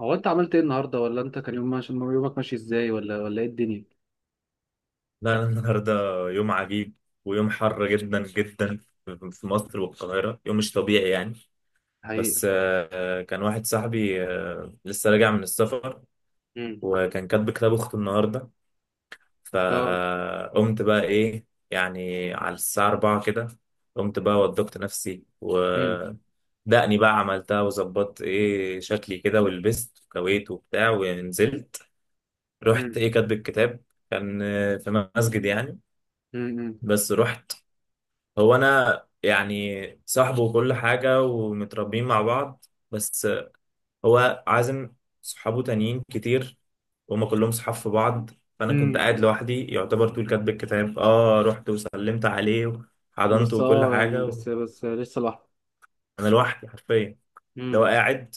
هو انت عملت ايه النهارده ولا انت كان يوم ماشي؟ يومك ماشي ازاي ولا ايه الدنيا؟ لا، أنا النهاردة يوم عجيب. ويوم حر جدا جدا في مصر والقاهرة، يوم مش طبيعي يعني. حقيقة. بس كان واحد صاحبي، لسه راجع من السفر، مم. وكان كاتب كتاب أخته النهاردة. اه. فقمت بقى إيه يعني على الساعة 4 كده. قمت بقى وضبت نفسي مم. ودقني بقى عملتها وظبطت إيه شكلي كده ولبست وكويت وبتاع ونزلت. رحت مم. إيه كاتب الكتاب. كان في مسجد يعني. مم. بس رحت. هو انا يعني صاحبه وكل حاجه ومتربيين مع بعض، بس هو عازم صحابه تانيين كتير، وهم كلهم صحاب في بعض. فانا كنت امم. قاعد لوحدي يعتبر طول كاتب الكتاب. اه رحت وسلمت عليه وحضنته بس وكل اه، يعني حاجه بس لسه لوحدي. انا لوحدي حرفيا. لو امم. قاعد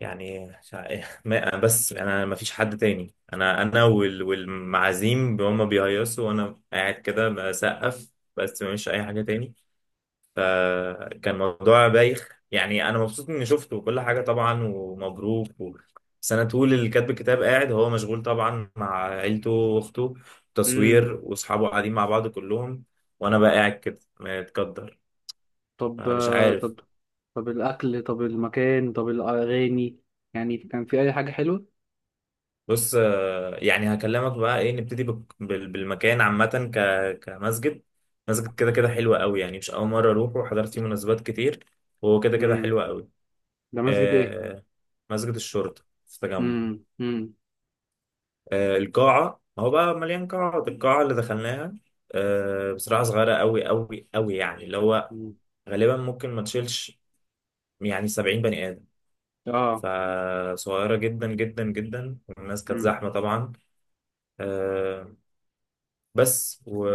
يعني مش بس انا ما فيش حد تاني، انا والمعازيم هم بيهيصوا وانا قاعد كده بسقف. بس مفيش اي حاجه تاني. فكان موضوع بايخ، يعني انا مبسوط اني شفته وكل حاجه طبعا ومبروك بس انا طول اللي كاتب الكتاب قاعد هو مشغول طبعا مع عيلته واخته، مم. تصوير، واصحابه قاعدين مع بعض كلهم. وانا بقى قاعد كده متقدر. طب أنا مش آه، عارف. طب. طب الاكل، طب المكان، طب الاغاني، يعني كان في اي حاجة حلوة؟ بص، يعني هكلمك بقى ايه. نبتدي بالمكان عامه كمسجد. مسجد كده كده حلو قوي يعني، مش اول مره اروحه، وحضرت فيه مناسبات كتير، وهو كده كده امم. حلو قوي. ده مسجد ايه؟ آه، مسجد الشرطه في التجمع. امم. القاعة، هو بقى مليان قاعات، القاعة اللي دخلناها بصراحة صغيرة أوي أوي أوي، يعني اللي هو أمم. غالبا ممكن ما تشيلش يعني 70 بني آدم. اه. فصغيرة جدا جدا جدا، والناس كانت امم زحمة طبعا. آه، بس و-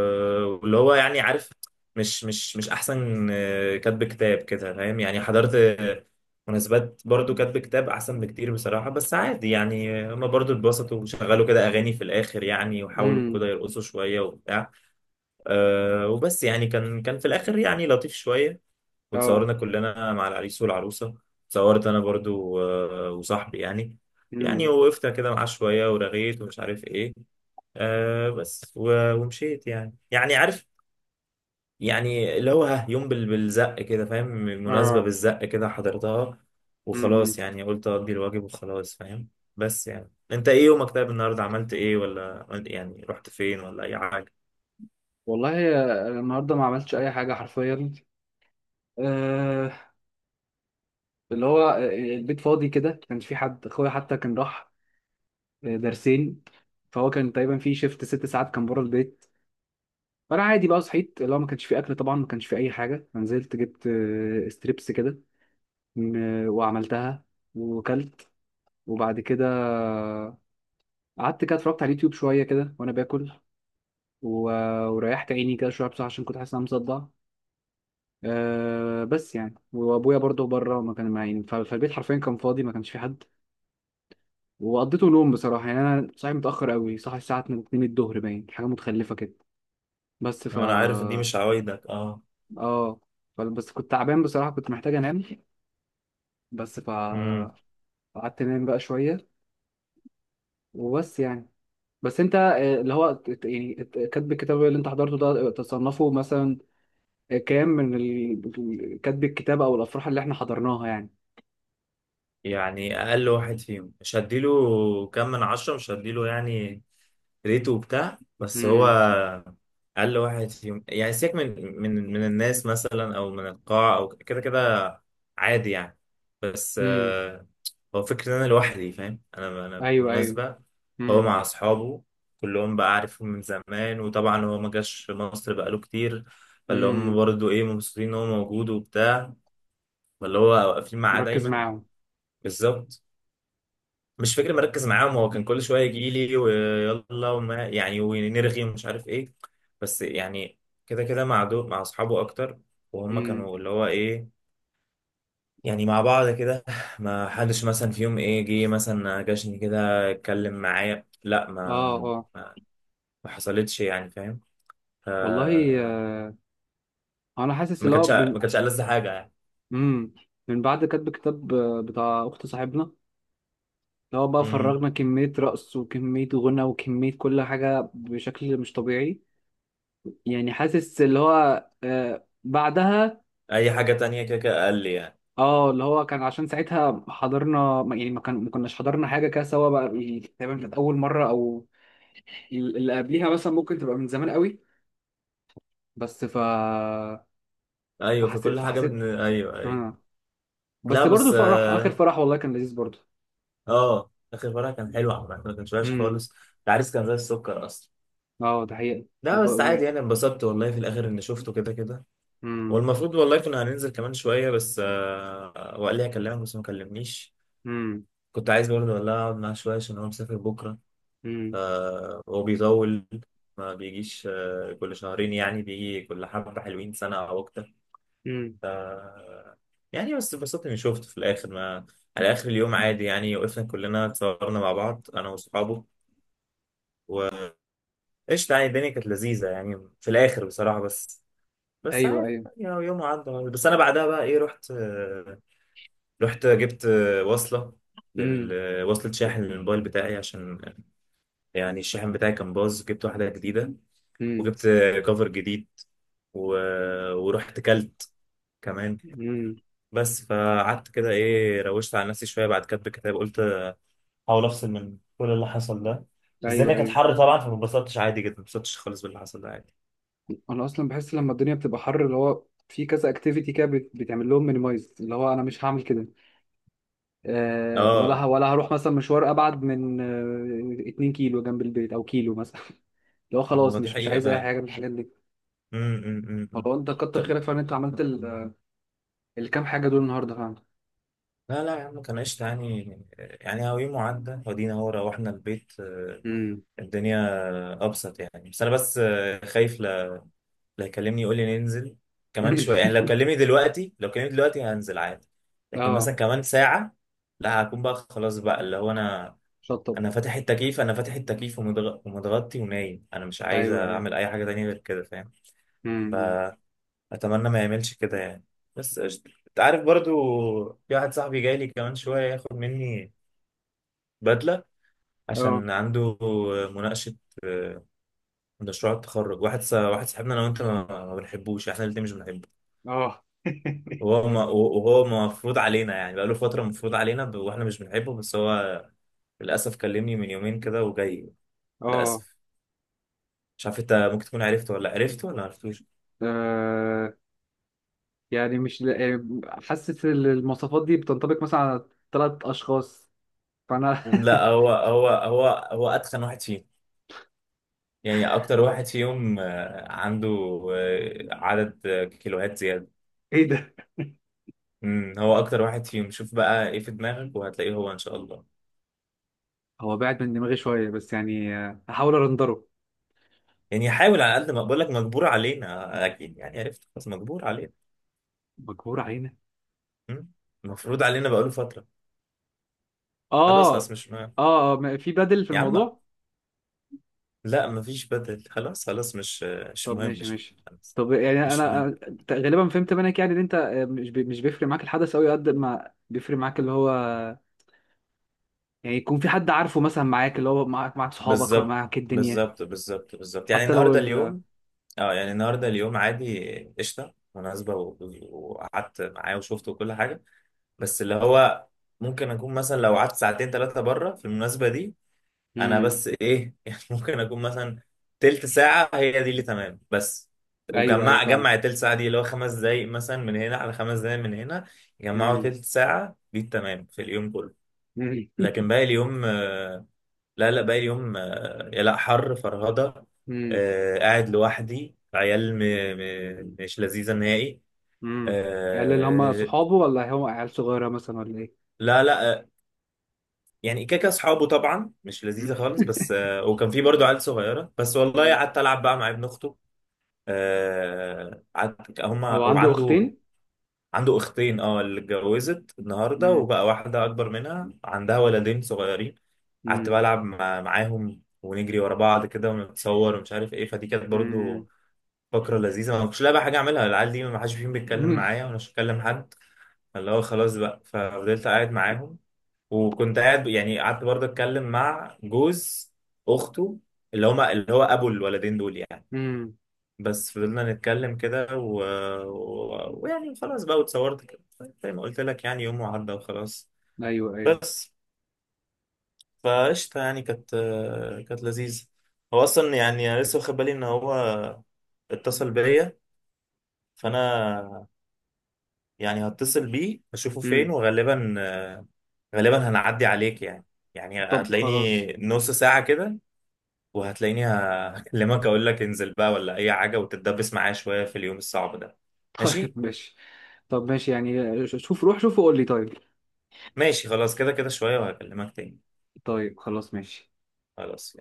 واللي هو يعني عارف، مش احسن كاتب كتاب كده فاهم. يعني حضرت مناسبات برضو كاتب كتاب احسن بكتير بصراحة. بس عادي يعني. هما برضو اتبسطوا وشغلوا كده اغاني في الاخر يعني، وحاولوا امم. كده يرقصوا شوية وبتاع. وبس. يعني كان في الاخر يعني لطيف شوية. اه. وتصورنا كلنا مع العريس والعروسة. اتصورت انا برضو وصاحبي يعني. يعني امم. وقفت كده معاه شوية ورغيت ومش عارف ايه. ومشيت. يعني عارف، يعني اللي هو ها يوم بالزق كده فاهم، المناسبة اه. بالزق كده حضرتها. امم. وخلاص، يعني قلت أقضي الواجب وخلاص فاهم. بس يعني انت ايه يومك طيب؟ النهارده عملت ايه؟ ولا يعني رحت فين ولا اي حاجة؟ والله آه، النهارده ما عملتش اي حاجة حرفيا. آه، اللي هو آه، البيت فاضي كده، ما كانش في حد. اخويا حتى كان راح آه، درسين، فهو كان تقريبا في شيفت ست ساعات كان بره البيت. فانا عادي بقى صحيت، اللي هو ما كانش في اكل طبعا، ما كانش في اي حاجه، فنزلت جبت آه، ستريبس كده، وعملتها وكلت. وبعد كده قعدت كده اتفرجت على اليوتيوب شويه كده وانا باكل، و- وريحت عيني كده شويه بصراحه عشان كنت حاسس ان انا مصدع. أه بس يعني وابويا برضه بره ما كان معين، فالبيت حرفيا كان فاضي، ما كانش في حد. وقضيته نوم بصراحة، يعني أنا صاحي متأخر أوي، صاحي الساعة 2 الظهر، باين حاجة متخلفة كده. بس انا عارف ان دي فا مش عوايدك. اه آه. بس كنت تعبان بصراحة، كنت محتاج أنام. بس فا امم. قعدت أنام بقى شوية وبس يعني. بس أنت آه، اللي هو كاتب الكتاب اللي أنت حضرته ده آه، تصنفه مثلا آه، كام من كاتب الكتاب أو الأفراح اللي إحنا حضرناها يعني؟ يعني اقل واحد فيهم مش هديله كام من 10، مش هديله يعني ريته وبتاع. بس هو امم. اقل واحد فيهم، يعني سيبك من الناس مثلا، او من القاعة، او كده كده عادي يعني. بس امم. هو فكرة ان انا لوحدي فاهم، انا أيوه أيوه. بالمناسبة هو امم. مع اصحابه كلهم بقى، عارفهم من زمان. وطبعا هو ما جاش مصر بقاله كتير، فاللي هم امم. برضو ايه مبسوطين ان هو موجود وبتاع، فاللي هو واقفين معاه مركز دايما. معاهم. بالظبط. مش فاكر مركز معاهم. هو كان كل شويه يجي لي ويلا وما يعني ونرغي ومش عارف ايه. بس يعني كده كده مع دول، مع اصحابه اكتر، وهم امم. كانوا اللي هو ايه يعني مع بعض كده. ما حدش مثلا في يوم ايه جه مثلا جاشني كده اتكلم معايا. لا آه آه. ما, ما حصلتش يعني فاهم. ف- والله. انا حاسس ما اللي هو كانتش بن... ما كانتش ألذ حاجه يعني. مم. من بعد كتب الكتاب آه، بتاع اخت صاحبنا، اللي هو بقى امم، فرغنا كمية رقص وكمية غنى وكمية كل حاجة بشكل مش طبيعي. يعني حاسس اللي هو آه بعدها. اي حاجه تانية كده كده اقل يعني. اه اللي هو كان عشان ساعتها حضرنا ما كناش حضرنا حاجة كده سوا بقى، يعني تقريبا كانت أول مرة، أو اللي قبليها مثلا ممكن تبقى من زمان قوي. بس ف ايوه، فحسيت فكل حاجه فحسيت ايوه، ايوه. آه. لا بس برضه بس، فرح، آخر فرح والله كان لذيذ برضه. اه اخر مره كان حلو عامه، ما كانش وحش خالص. العريس كان زي السكر اصلا. اه ده حقيقة. لا بس عادي يعني، انبسطت والله في الاخر اني شفته كده كده. مم. والمفروض والله كنا هننزل كمان شويه، بس وقال لي هكلمك بس ما كلمنيش. مم. كنت عايز برضه والله اقعد معاه شويه عشان هو مسافر بكره. مم. هو بيطول، ما بيجيش كل شهرين يعني، بيجي كل حبه حلوين سنه او اكتر. مم. ف يعني بس انبسطت اني شفته في الاخر. ما على اخر اليوم عادي، يعني وقفنا كلنا اتصورنا مع بعض انا واصحابه. قشطة يعني، الدنيا كانت لذيذة يعني في الآخر بصراحة. بس بس ايوه عادي، ايوه. يعني يوم عدى. بس أنا بعدها بقى إيه رحت، رحت جبت وصلة، مم. وصلة شاحن للموبايل بتاعي، عشان يعني الشاحن بتاعي كان باظ، جبت واحدة جديدة، مم. وجبت كفر جديد و... ورحت كلت كمان. مم. بس فقعدت كده إيه روشت على نفسي شوية بعد كتب الكتاب، قلت أحاول أفصل من كل اللي حصل ده. بس ايوه الدنيا كانت ايوه. حر طبعا فما اتبسطتش عادي جدا، ما اتبسطتش خالص باللي حصل ده عادي. انا اصلا بحس لما الدنيا بتبقى حر، اللي هو في كذا اكتيفيتي كده بتعمل لهم مينيمايز، اللي هو انا مش هعمل كده. أه اه ولا هروح مثلا مشوار ابعد من آه، 2 كيلو جنب البيت او كيلو مثلا اللي هو خلاص هو دي مش حقيقة عايز اي فعلا. حاجه من الحاجات دي. أمم، أمم، أمم، أمم. والله انت كتر طب، خيرك فعلا، انت عملت الكام حاجه دول النهارده فعلا. لا لا يا عم كان قشطة يعني. يعني هو يوم عدى ودينا، هو روحنا البيت، امم. الدنيا أبسط يعني. بس أنا بس خايف لا لا يكلمني يقول لي ننزل كمان شوية. يعني لو كلمني دلوقتي، لو كلمني دلوقتي هنزل عادي. لكن اه. مثلا كمان ساعة لا، هكون بقى خلاص بقى اللي هو، أنا شطب. أنا فاتح التكييف، أنا فاتح التكييف ومتغطي ونايم. أنا مش عايز ايوه ايوه. أعمل أي حاجة تانية غير كده امم. فاهم. اتمنى ما يعملش كده يعني. بس قشطة. انت عارف برضو، في واحد صاحبي جاي لي كمان شوية ياخد مني بدلة اه. عشان عنده مناقشة، آه، مشروع التخرج. واحد واحد صاحبنا انا وانت ما بنحبوش، احنا الاتنين مش بنحبه. اه. وهو ما وهو مفروض علينا يعني بقاله فترة مفروض علينا، واحنا مش بنحبه، بس هو للأسف كلمني من يومين كده وجاي. اه. للأسف، مش عارف انت ممكن تكون عرفته ولا عرفته ولا معرفتوش. آه، يعني مش ل- آه، حاسس ان المواصفات دي بتنطبق مثلا على ثلاث اشخاص. فانا. لا هو اتخن واحد فينا. يعني اكتر واحد فيهم عنده عدد كيلوهات زياده. ايه ده! امم، هو اكتر واحد فيهم. شوف بقى ايه في دماغك وهتلاقيه، هو ان شاء الله. هو بعد من دماغي شويه، بس يعني آه، هحاول ارندره. يعني حاول على قد ما بقول لك، مجبور علينا. اكيد يعني عرفت خلاص. مجبور علينا. مجبور علينا. امم، مفروض علينا بقاله فتره. خلاص اه. خلاص مش مهم. اه آه، في بدل في يا عم الموضوع. لا مفيش بدل، خلاص خلاص مش مش طب مهم، ماشي مش مهم ماشي. خلاص. طب يعني مش مهم. غالبا فهمت منك، يعني ان انت آه، مش بيفرق معاك الحدث قوي قد ما بيفرق معاك اللي هو يعني يكون في حد عارفه مثلا معاك، اللي هو معاك صحابك، بالظبط معاك الدنيا. بالظبط بالظبط بالظبط. يعني حتى لو النهارده ال. اليوم، اه يعني النهارده اليوم عادي، قشطه مناسبه وقعدت معاه وشفته وكل حاجه. بس اللي هو ممكن اكون مثلا لو قعدت ساعتين ثلاثه بره في المناسبه دي، انا مم. بس ايه يعني ممكن اكون مثلا تلت ساعه هي دي اللي تمام. بس ايوه ايوه وجمع فاهم. جمع التلت ساعه دي اللي هو خمس دقايق مثلا من هنا على خمس دقايق من هنا، يجمعوا مم. تلت ساعه دي التمام في اليوم كله. مم. لكن باقي اليوم، لا لا باقي اليوم يا لا حر فرهضة. مم. قاعد لوحدي عيال مش لذيذة نهائي. مم. عيال اللي هم آه، صحابه ولا هم عيال صغيرة مثلا ولا ايه؟ لا لا يعني كاكا اصحابه طبعا، مش لذيذة مم. خالص. بس وكان في برضو عيال صغيرة، بس والله مم. قعدت العب بقى مع ابن اخته. قعدت هما هو هو عنده عنده. اختين؟ عنده اختين، اللي اتجوزت النهارده، مم. وبقى واحدة اكبر منها عندها ولدين صغيرين. قعدت مم. بلعب معاهم ونجري ورا بعض كده ونتصور ومش عارف ايه، فدي كانت مم. برضو فقرة لذيذة. ما كنتش لاقي بقى حاجة أعملها. العيال دي ما حدش فيهم بيتكلم مم. معايا ولا بكلم حد، اللي هو خلاص بقى، ففضلت قاعد معاهم. وكنت قاعد يعني قعدت برضه أتكلم مع جوز أخته، اللي هما اللي هو أبو الولدين دول يعني. مم. بس فضلنا نتكلم كده ويعني خلاص بقى واتصورت كده. زي ما قلت لك يعني يوم وعدى وخلاص. ايوه ايوه. بس فقشطة يعني، كانت لذيذة. هو أصلا يعني أنا لسه واخد بالي إن هو اتصل بيا، فانا يعني هتصل بيه اشوفه فين، مم. وغالبا غالبا هنعدي عليك يعني. يعني طب خلاص. هتلاقيني نص ساعة كده، وهتلاقيني هكلمك اقول لك انزل بقى ولا اي حاجة، وتتدبس معايا شوية في اليوم الصعب ده. ماشي، طيب ماشي. طب ماشي، يعني شوف روح شوفه وقول لي. طيب. ماشي خلاص. كده كده شوية وهكلمك تاني. طيب خلاص ماشي. خلاص.